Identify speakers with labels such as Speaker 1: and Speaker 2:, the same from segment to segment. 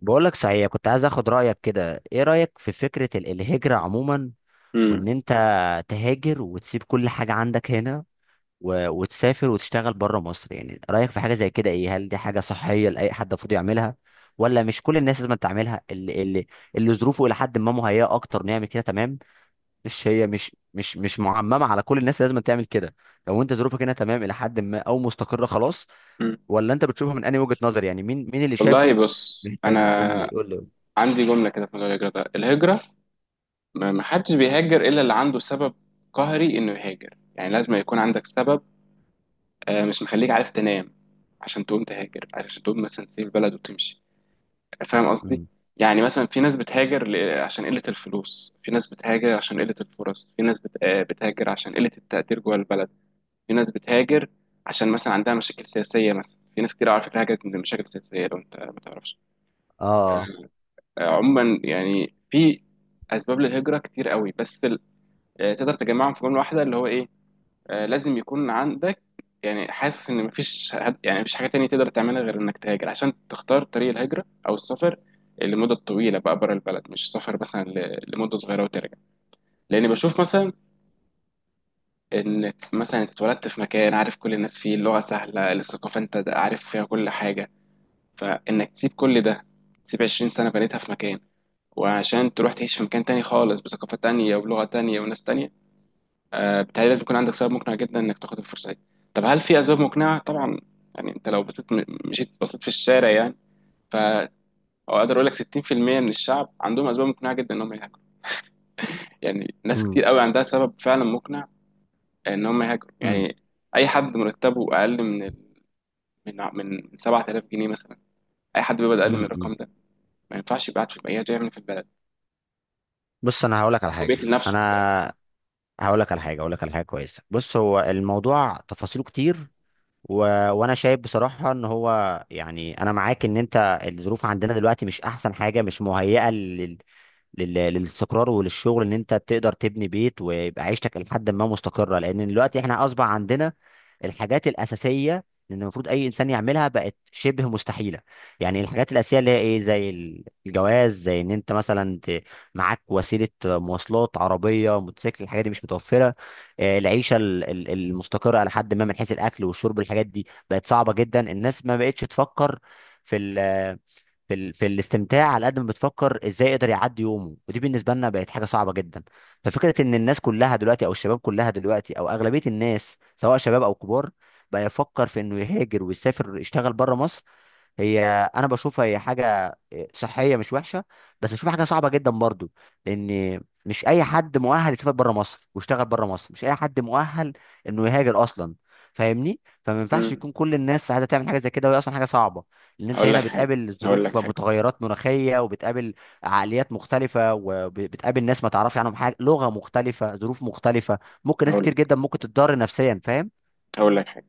Speaker 1: بقولك صحيح، كنت عايز اخد رأيك كده. ايه رأيك في فكرة الهجرة عموما، وان
Speaker 2: امم
Speaker 1: انت تهاجر وتسيب كل حاجة عندك هنا و... وتسافر وتشتغل بره مصر؟ يعني رأيك في حاجة زي كده ايه؟ هل دي حاجة صحية لأي حد المفروض يعملها، ولا مش كل الناس لازم تعملها؟ اللي ظروفه الى حد ما مهيئة اكتر نعمل كده، تمام؟ مش هي مش معممة على كل الناس لازم تعمل كده. لو انت ظروفك هنا تمام الى حد ما او مستقرة خلاص،
Speaker 2: امم
Speaker 1: ولا انت بتشوفها من انهي وجهة نظر؟ يعني مين اللي
Speaker 2: والله،
Speaker 1: شايفه
Speaker 2: بص
Speaker 1: محتاج؟ قول لي
Speaker 2: انا
Speaker 1: قول لي.
Speaker 2: عندي جمله كده في موضوع الهجره ده. الهجره ما حدش بيهاجر الا اللي عنده سبب قهري انه يهاجر، يعني لازم يكون عندك سبب مش مخليك عارف تنام عشان تقوم تهاجر، عشان تقوم مثلا تسيب البلد وتمشي، فاهم قصدي؟
Speaker 1: مم.
Speaker 2: يعني مثلا في ناس بتهاجر عشان قله الفلوس، في ناس بتهاجر عشان قله الفرص، في ناس بتهاجر عشان قله التقدير جوه البلد. في ناس بتهاجر عشان مثلا عندها مشاكل سياسيه، مثلا في ناس كتير على فكره هاجرت من مشاكل سياسيه لو انت ما تعرفش.
Speaker 1: اه.
Speaker 2: عموما يعني في اسباب للهجره كتير قوي، بس يعني تقدر تجمعهم في جمله واحده اللي هو ايه؟ لازم يكون عندك، يعني حاسس ان يعني مفيش حاجه تانية تقدر تعملها غير انك تهاجر، عشان تختار طريق الهجره او السفر لمده طويله بقى بره البلد، مش سفر مثلا لمده صغيره وترجع. لان بشوف مثلا ان مثلا انت اتولدت في مكان عارف كل الناس فيه، اللغه سهله، الثقافه انت عارف فيها كل حاجه، فانك تسيب كل ده، تسيب 20 سنه بنيتها في مكان، وعشان تروح تعيش في مكان تاني خالص بثقافة تانية وبلغة تانية وناس تانية، بتهيألي لازم يكون عندك سبب مقنع جدا إنك تاخد الفرصة دي. طب هل في أسباب مقنعة؟ طبعا. يعني أنت لو بصيت مشيت بصيت في الشارع يعني، ف أو أقدر أقول لك 60% من الشعب عندهم أسباب مقنعة جدا إن هم يهاجروا. يعني ناس
Speaker 1: مم.
Speaker 2: كتير قوي عندها سبب فعلا مقنع إن هم يهاجروا.
Speaker 1: مم.
Speaker 2: يعني أي حد مرتبه أقل من من 7000 جنيه مثلا، أي حد بيقبض أقل من
Speaker 1: مم. مم.
Speaker 2: الرقم ده ما ينفعش يبقى قاعد في البلد، يعمل إيه في البلد
Speaker 1: بص
Speaker 2: وبيقتل نفسه في البلد؟
Speaker 1: انا هقول لك على حاجه هقول لك على حاجه كويسه. بص، هو الموضوع تفاصيله كتير، و... وانا شايف بصراحه ان هو، يعني انا معاك، ان انت الظروف عندنا دلوقتي مش احسن حاجه، مش مهيئه للاستقرار وللشغل، ان انت تقدر تبني بيت ويبقى عيشتك لحد ما مستقره. لان دلوقتي احنا اصبح عندنا الحاجات الاساسيه اللي المفروض اي انسان يعملها بقت شبه مستحيله. يعني الحاجات الاساسيه اللي هي ايه، زي الجواز، زي ان انت مثلا معاك وسيله مواصلات، عربيه، موتوسيكل، الحاجات دي مش متوفره. العيشه المستقره على حد ما من حيث الاكل والشرب، الحاجات دي بقت صعبه جدا. الناس ما بقتش تفكر في في الاستمتاع، على قد ما بتفكر ازاي يقدر يعدي يومه، ودي بالنسبه لنا بقت حاجه صعبه جدا. ففكره ان الناس كلها دلوقتي او الشباب كلها دلوقتي او اغلبيه الناس سواء شباب او كبار بقى يفكر في انه يهاجر ويسافر يشتغل بره مصر، هي انا بشوفها هي حاجه صحيه مش وحشه، بس بشوفها حاجه صعبه جدا برضو. لان مش اي حد مؤهل يسافر بره مصر ويشتغل بره مصر، مش اي حد مؤهل انه يهاجر اصلا، فاهمني؟ فما ينفعش
Speaker 2: مم.
Speaker 1: يكون كل الناس عايزه تعمل حاجه زي كده وهي اصلا حاجه صعبه. لان انت
Speaker 2: هقول
Speaker 1: هنا
Speaker 2: لك حاجة
Speaker 1: بتقابل
Speaker 2: هقول لك
Speaker 1: ظروف،
Speaker 2: حاجة
Speaker 1: متغيرات مناخيه، وبتقابل عقليات مختلفه، وبتقابل ناس ما تعرفش عنهم حاجه، لغه مختلفه، ظروف مختلفه، ممكن ناس
Speaker 2: هقول
Speaker 1: كتير
Speaker 2: لك
Speaker 1: جدا ممكن تتضرر نفسيا، فاهم؟
Speaker 2: هقول لك حاجه.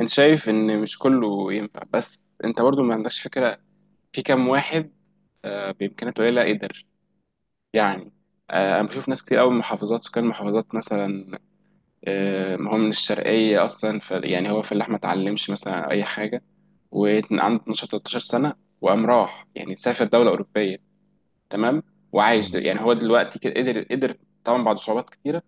Speaker 2: انت شايف ان مش كله ينفع، بس انت برضو ما عندكش فكره في كام واحد بامكانيات قليله قدر. يعني انا بشوف ناس كتير قوي من محافظات، سكان محافظات مثلا، ما هو من الشرقيه اصلا، ف يعني هو في اللحمه ما اتعلمش مثلا اي حاجه، وعنده 12 13 سنه، وقام راح يعني سافر دوله اوروبيه، تمام؟ وعايش،
Speaker 1: مم.
Speaker 2: يعني هو دلوقتي كده قدر طبعا بعد صعوبات كتيره،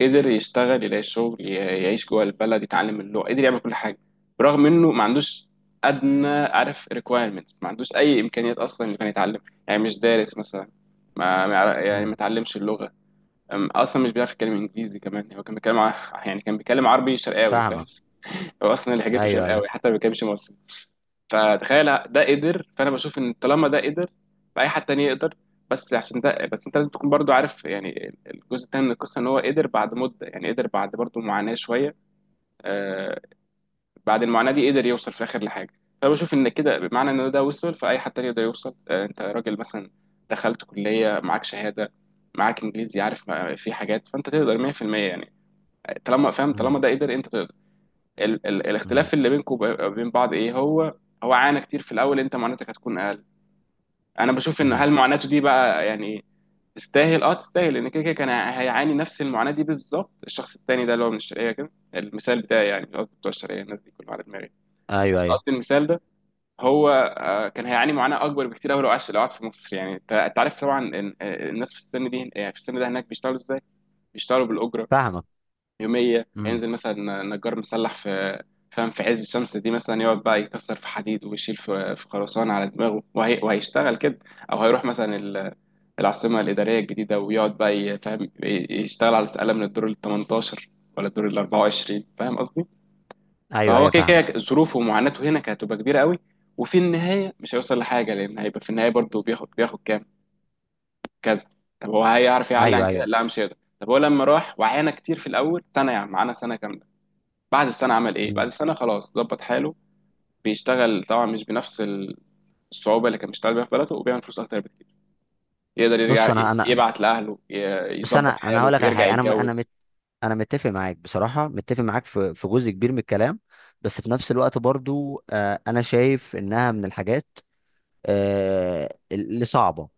Speaker 2: قدر يشتغل، يلاقي شغل، يعيش جوه البلد، يتعلم اللغه، قدر يعمل كل حاجه، برغم انه ما عندوش ادنى، عارف، requirements، ما عندوش اي امكانيات اصلا انه كان يتعلم. يعني مش دارس مثلا، ما ما يعرف- يعني ما
Speaker 1: مم.
Speaker 2: اتعلمش اللغه، اصلا مش بيعرف يتكلم انجليزي كمان، هو كان بيتكلم يعني كان بيتكلم عربي شرقاوي، فاهم؟
Speaker 1: فاهمك.
Speaker 2: هو اصلا لهجته
Speaker 1: ايوه ايوه.
Speaker 2: شرقاوي حتى ما بيتكلمش مصري. فتخيل ده قدر، فانا بشوف ان طالما ده قدر فاي حد تاني يقدر. بس عشان ده، بس انت لازم تكون برضو عارف يعني الجزء التاني من القصه، ان هو قدر بعد مده، يعني قدر بعد برضو معاناه شويه، آه بعد المعاناه دي قدر يوصل في الاخر لحاجه. فبشوف ان كده، بمعنى ان ده وصل فاي حد تاني يقدر يوصل. آه انت راجل مثلا، دخلت كليه، معاك شهاده، معاك انجليزي، عارف، ما- في حاجات، فانت تقدر 100% يعني، طالما فاهم، طالما
Speaker 1: مم.
Speaker 2: ده قدر انت تقدر. ال ال
Speaker 1: مم.
Speaker 2: الاختلاف اللي بينكم وبين بعض ايه هو؟ هو عانى كتير في الاول، انت معاناتك هتكون اقل. انا بشوف ان
Speaker 1: مم.
Speaker 2: هل معاناته دي بقى يعني تستاهل؟ اه تستاهل، لان كده كده كان هيعاني نفس المعاناه دي بالظبط. الشخص التاني ده اللي هو من الشرقيه كده، المثال بتاعي يعني، قصدي بتوع الشرقيه الناس دي كلهم على دماغي، بس
Speaker 1: ايوه ايوه
Speaker 2: قصدي المثال ده، هو كان هيعاني معاناه اكبر بكتير قوي لو عاش، لو قعد في مصر يعني. انت، أنت عارف طبعا الناس في السن دي، يعني في السن ده هناك بيشتغلوا ازاي؟ بيشتغلوا بالاجره
Speaker 1: فاهمك.
Speaker 2: يوميه،
Speaker 1: امم.
Speaker 2: هينزل مثلا نجار مسلح في، فاهم، في عز الشمس دي مثلا، يقعد بقى يكسر في حديد ويشيل في في خرسانه على دماغه، وهي وهيشتغل كده. او هيروح مثلا العاصمه الاداريه الجديده، ويقعد بقى فاهم، يشتغل على سقاله من الدور ال 18 ولا الدور ال 24، فاهم قصدي؟
Speaker 1: ايوه
Speaker 2: فهو
Speaker 1: ايوه
Speaker 2: كده
Speaker 1: فاهمك.
Speaker 2: كده ظروفه ومعاناته هنا كانت هتبقى كبيره قوي، وفي النهايه مش هيوصل لحاجه، لان هيبقى في النهايه برضه بياخد كام، كذا. طب هو هيعرف يعلي عن
Speaker 1: ايوه
Speaker 2: كده؟
Speaker 1: ايوه.
Speaker 2: لا مش هيقدر. طب هو لما راح وعانى كتير في الاول سنه، يعني معانا سنه كامله، بعد السنة عمل إيه؟ بعد
Speaker 1: مم.
Speaker 2: السنة خلاص ظبط حاله. بيشتغل طبعا مش بنفس الصعوبة اللي كان بيشتغل بيها في بلده، وبيعمل فلوس أكتر بكتير. يقدر يرجع
Speaker 1: بص انا انا
Speaker 2: يبعت لأهله،
Speaker 1: بص انا
Speaker 2: يظبط
Speaker 1: انا هقول
Speaker 2: حاله،
Speaker 1: لك على
Speaker 2: يرجع
Speaker 1: حاجه، انا م- انا
Speaker 2: يتجوز.
Speaker 1: مت انا متفق معاك بصراحه، متفق معاك في جزء كبير من الكلام. بس في نفس الوقت برضو، انا شايف انها من الحاجات، اللي صعبه.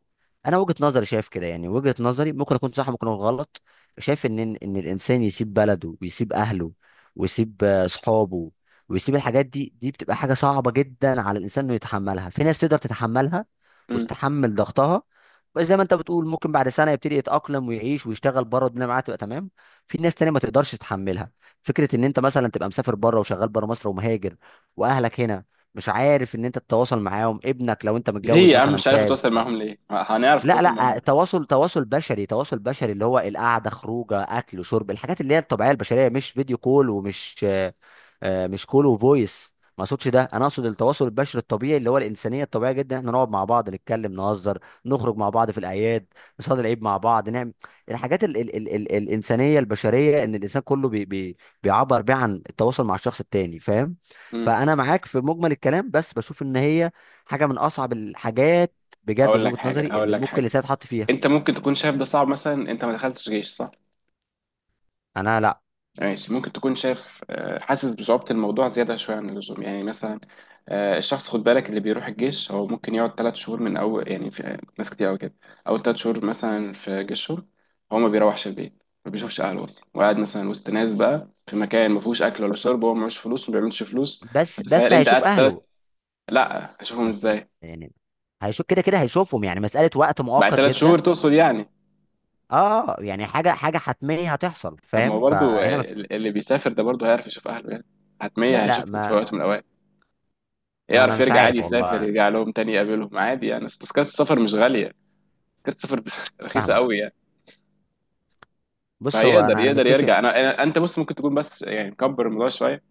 Speaker 1: انا وجهة نظري شايف كده، يعني وجهة نظري ممكن اكون صح ممكن اكون غلط. شايف ان الانسان يسيب بلده ويسيب اهله ويسيب صحابه ويسيب الحاجات دي، دي بتبقى حاجة صعبة جدا على الانسان انه يتحملها. في ناس تقدر تتحملها
Speaker 2: مم.
Speaker 1: وتتحمل ضغطها، بس زي ما انت بتقول، ممكن بعد سنة يبتدي يتأقلم ويعيش ويشتغل بره والدنيا معاه تبقى تمام. في ناس تانية ما تقدرش تتحملها. فكرة ان انت مثلا تبقى مسافر بره وشغال بره مصر ومهاجر، واهلك هنا مش عارف ان انت تتواصل معاهم، ابنك لو انت
Speaker 2: ليه
Speaker 1: متجوز
Speaker 2: يا عم
Speaker 1: مثلا،
Speaker 2: مش عارف
Speaker 1: تعب.
Speaker 2: أتواصل معاهم ليه؟ ما هنعرف
Speaker 1: لا
Speaker 2: نتواصل
Speaker 1: لا،
Speaker 2: معاهم.
Speaker 1: تواصل بشري اللي هو القعده، خروجه، اكل، شرب، الحاجات اللي هي الطبيعيه البشريه، مش فيديو كول ومش مش كول وفويس. ما اقصدش ده، انا اقصد التواصل البشري الطبيعي اللي هو الانسانيه الطبيعيه جدا، احنا نقعد مع بعض نتكلم نهزر، نخرج مع بعض في الاعياد، نصلي العيد مع بعض، نعمل الحاجات ال ال ال ال الانسانيه البشريه ان الانسان كله بي بي بيعبر بيها عن التواصل مع الشخص التاني، فاهم؟
Speaker 2: مم.
Speaker 1: فانا معاك في مجمل الكلام، بس بشوف ان هي حاجه من اصعب الحاجات بجد من وجهة نظري
Speaker 2: هقول
Speaker 1: اللي
Speaker 2: لك
Speaker 1: ممكن
Speaker 2: حاجة،
Speaker 1: لسه يتحط فيها.
Speaker 2: أنت ممكن تكون شايف ده صعب مثلا. أنت ما دخلتش جيش، صح؟
Speaker 1: انا لا.
Speaker 2: ماشي، ممكن تكون شاف، حاسس بصعوبة الموضوع زيادة شوية عن اللزوم يعني. مثلا الشخص، خد بالك، اللي بيروح الجيش هو ممكن يقعد 3 شهور من أول، يعني في ناس كتير أوي كده، أول 3 شهور مثلا في جيشهم هو ما بيروحش البيت، ما بيشوفش أهله أصلا، وقاعد مثلا وسط ناس بقى في مكان ما فيهوش أكل ولا شرب، وهو معهوش فلوس، ما بيعملش فلوس.
Speaker 1: بس
Speaker 2: فتخيل
Speaker 1: بس
Speaker 2: أنت
Speaker 1: هيشوف
Speaker 2: قاعد ثلاث،
Speaker 1: اهله،
Speaker 2: لا هشوفهم
Speaker 1: بس
Speaker 2: إزاي،
Speaker 1: يعني هيشوف كده كده، هيشوفهم يعني، مسألة وقت
Speaker 2: بعد
Speaker 1: مؤقت
Speaker 2: 3 شهور
Speaker 1: جدا.
Speaker 2: تقصد يعني؟
Speaker 1: اه يعني حاجة حتمية هتحصل،
Speaker 2: طب ما هو
Speaker 1: فاهم؟
Speaker 2: برضه،
Speaker 1: فهنا ما في...
Speaker 2: اللي بيسافر ده برضه هيعرف يشوف أهله يعني،
Speaker 1: لا
Speaker 2: حتمية
Speaker 1: لا،
Speaker 2: هيشوفهم في
Speaker 1: ما,
Speaker 2: وقت من الأوقات.
Speaker 1: ما انا
Speaker 2: يعرف
Speaker 1: مش
Speaker 2: يرجع عادي،
Speaker 1: عارف
Speaker 2: يسافر
Speaker 1: والله.
Speaker 2: يرجع لهم تاني يقابلهم عادي يعني، أصل تذكرة السفر مش غالية، تذكرة السفر رخيصة
Speaker 1: فاهمك.
Speaker 2: قوي يعني.
Speaker 1: بص هو
Speaker 2: فهيقدر،
Speaker 1: انا
Speaker 2: يقدر
Speaker 1: متفق.
Speaker 2: يرجع. انت بص ممكن تكون بس يعني مكبر الموضوع شوية،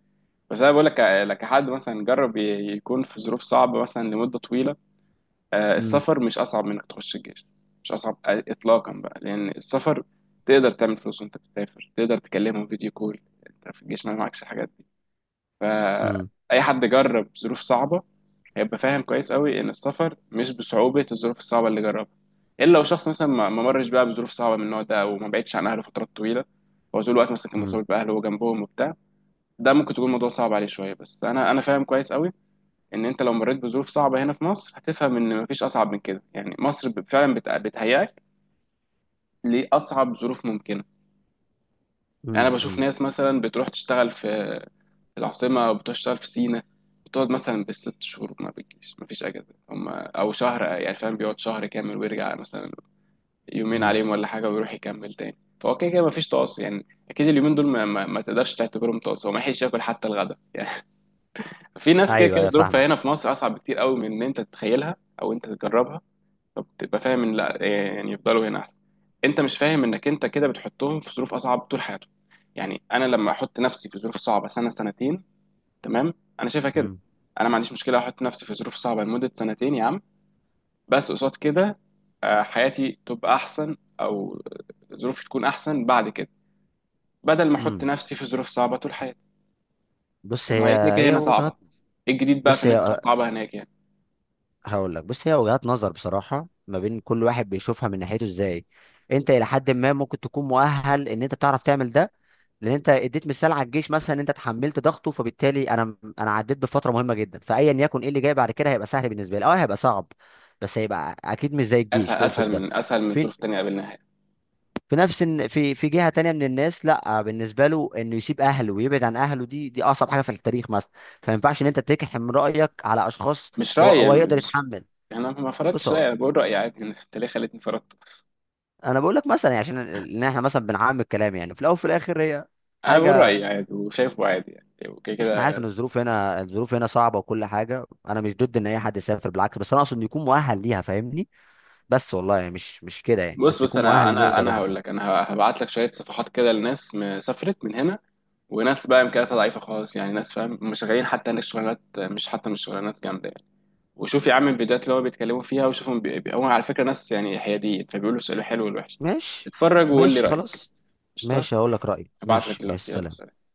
Speaker 2: بس انا بقول لك، لك حد مثلا جرب يكون في ظروف صعبة مثلا لمدة طويلة.
Speaker 1: امم.
Speaker 2: السفر مش اصعب من انك تخش الجيش، مش اصعب اطلاقا بقى، لان السفر تقدر تعمل فلوس وانت بتسافر، تقدر تكلمهم فيديو كول، انت في الجيش ما معكش الحاجات دي.
Speaker 1: امم.
Speaker 2: فأي حد جرب ظروف صعبة هيبقى فاهم كويس قوي إن السفر مش بصعوبة الظروف الصعبة اللي جربها، إلا لو شخص مثلا ما مرش بقى بظروف صعبة من النوع ده، أو ما بعدش عن أهله فترات طويلة، هو طول الوقت مثلا كان
Speaker 1: امم.
Speaker 2: مرتبط بأهله وجنبهم وبتاع، ده ممكن تكون الموضوع صعب عليه شوية. بس أنا فاهم كويس قوي إن أنت لو مريت بظروف صعبة هنا في مصر هتفهم إن مفيش أصعب من كده يعني، مصر فعلا بتهيأك لأصعب ظروف ممكنة. أنا بشوف
Speaker 1: امم.
Speaker 2: ناس مثلا بتروح تشتغل في العاصمة وبتشتغل في سينا، بتقعد مثلا بالست شهور ما بتجيش، مفيش أجازة هم أو شهر، يعني فاهم، بيقعد شهر كامل ويرجع مثلا يومين
Speaker 1: امم.
Speaker 2: عليهم ولا حاجة ويروح يكمل تاني، فهو كده كده مفيش تواصل، يعني أكيد اليومين دول ما تقدرش تعتبرهم تواصل، هو ما يحيش ياكل حتى الغدا يعني. في ناس كده
Speaker 1: ايوه
Speaker 2: كده
Speaker 1: ايوه
Speaker 2: ظروفها
Speaker 1: فاهمك.
Speaker 2: هنا في مصر أصعب بكتير قوي من إن أنت تتخيلها أو أنت تجربها، فبتبقى فاهم إن لا، يعني يفضلوا هنا أحسن. أنت مش فاهم إنك أنت كده بتحطهم في ظروف أصعب طول حياتهم، يعني أنا لما أحط نفسي في ظروف صعبة سنة سنتين، تمام؟ انا شايفها كده،
Speaker 1: امم.
Speaker 2: انا ما عنديش مشكله احط نفسي في ظروف صعبه لمده سنتين يا عم، بس قصاد كده حياتي تبقى احسن او ظروفي تكون احسن بعد كده، بدل ما احط
Speaker 1: امم.
Speaker 2: نفسي في ظروف صعبه طول حياتي.
Speaker 1: بص
Speaker 2: طب ما
Speaker 1: هي
Speaker 2: هي كده كده
Speaker 1: هي
Speaker 2: هنا صعبه،
Speaker 1: وجهات
Speaker 2: ايه الجديد بقى في
Speaker 1: بص
Speaker 2: ان انت تروح
Speaker 1: هي
Speaker 2: صعبه هناك يعني؟
Speaker 1: هقول لك، بص هي وجهات نظر بصراحة، ما بين كل واحد بيشوفها من ناحيته ازاي. انت الى حد ما ممكن تكون مؤهل ان انت تعرف تعمل ده، لان انت اديت مثال على الجيش مثلا ان انت تحملت ضغطه، فبالتالي انا عديت بفتره مهمه جدا فايا يكن ايه اللي جاي بعد كده هيبقى سهل بالنسبه لي. اه هيبقى صعب بس هيبقى اكيد مش زي
Speaker 2: اسهل،
Speaker 1: الجيش
Speaker 2: اسهل
Speaker 1: تقصد ده.
Speaker 2: من اسهل من
Speaker 1: في
Speaker 2: ظروف تانية قابلناها يعني.
Speaker 1: في نفس إن- في في جهه تانية من الناس، لا بالنسبه له انه يسيب اهله ويبعد عن اهله، دي اصعب حاجه في التاريخ مثلا. فما ينفعش ان انت تكحم رايك على اشخاص،
Speaker 2: مش
Speaker 1: هو
Speaker 2: رايي
Speaker 1: هو
Speaker 2: يعني
Speaker 1: يقدر
Speaker 2: مش
Speaker 1: يتحمل.
Speaker 2: يعني انا ما
Speaker 1: بص
Speaker 2: فرضتش
Speaker 1: هو
Speaker 2: رايي، انا بقول رايي عادي انت ليه خليتني فرضت؟
Speaker 1: انا بقول لك مثلا، يعني عشان ان احنا مثلا بنعمم الكلام يعني في الاول وفي الاخر هي
Speaker 2: انا بقول
Speaker 1: حاجه.
Speaker 2: رايي عادي وشايفه عادي يعني وكده
Speaker 1: بص انا عارف
Speaker 2: كده.
Speaker 1: ان الظروف هنا صعبه وكل حاجه، انا مش ضد ان اي حد يسافر بالعكس، بس انا اقصد انه يكون مؤهل ليها، فاهمني؟ بس والله يعني مش كده يعني،
Speaker 2: بص،
Speaker 1: بس
Speaker 2: بص
Speaker 1: يكون
Speaker 2: انا
Speaker 1: مؤهل انه
Speaker 2: انا
Speaker 1: يقدر
Speaker 2: انا
Speaker 1: ياخد
Speaker 2: هقول لك.
Speaker 1: خطوه.
Speaker 2: انا هبعت لك شويه صفحات كده لناس سافرت من هنا، وناس بقى امكانياتها ضعيفه خالص، يعني ناس فاهم مش غايين حتى ان الشغلانات، مش حتى مش شغلانات جامده يعني. وشوف يا عم الفيديوهات اللي هو بيتكلموا فيها، وشوفهم هو على فكره ناس يعني حياديين، فبيقولوا السؤال الحلو والوحش.
Speaker 1: ماشي.
Speaker 2: اتفرج وقول لي
Speaker 1: ماشي
Speaker 2: رايك.
Speaker 1: خلاص.
Speaker 2: قشطه.
Speaker 1: ماشي هقول لك رايي.
Speaker 2: هبعت لك
Speaker 1: ماشي ماشي.
Speaker 2: دلوقتي، يلا
Speaker 1: سلام.
Speaker 2: سلام.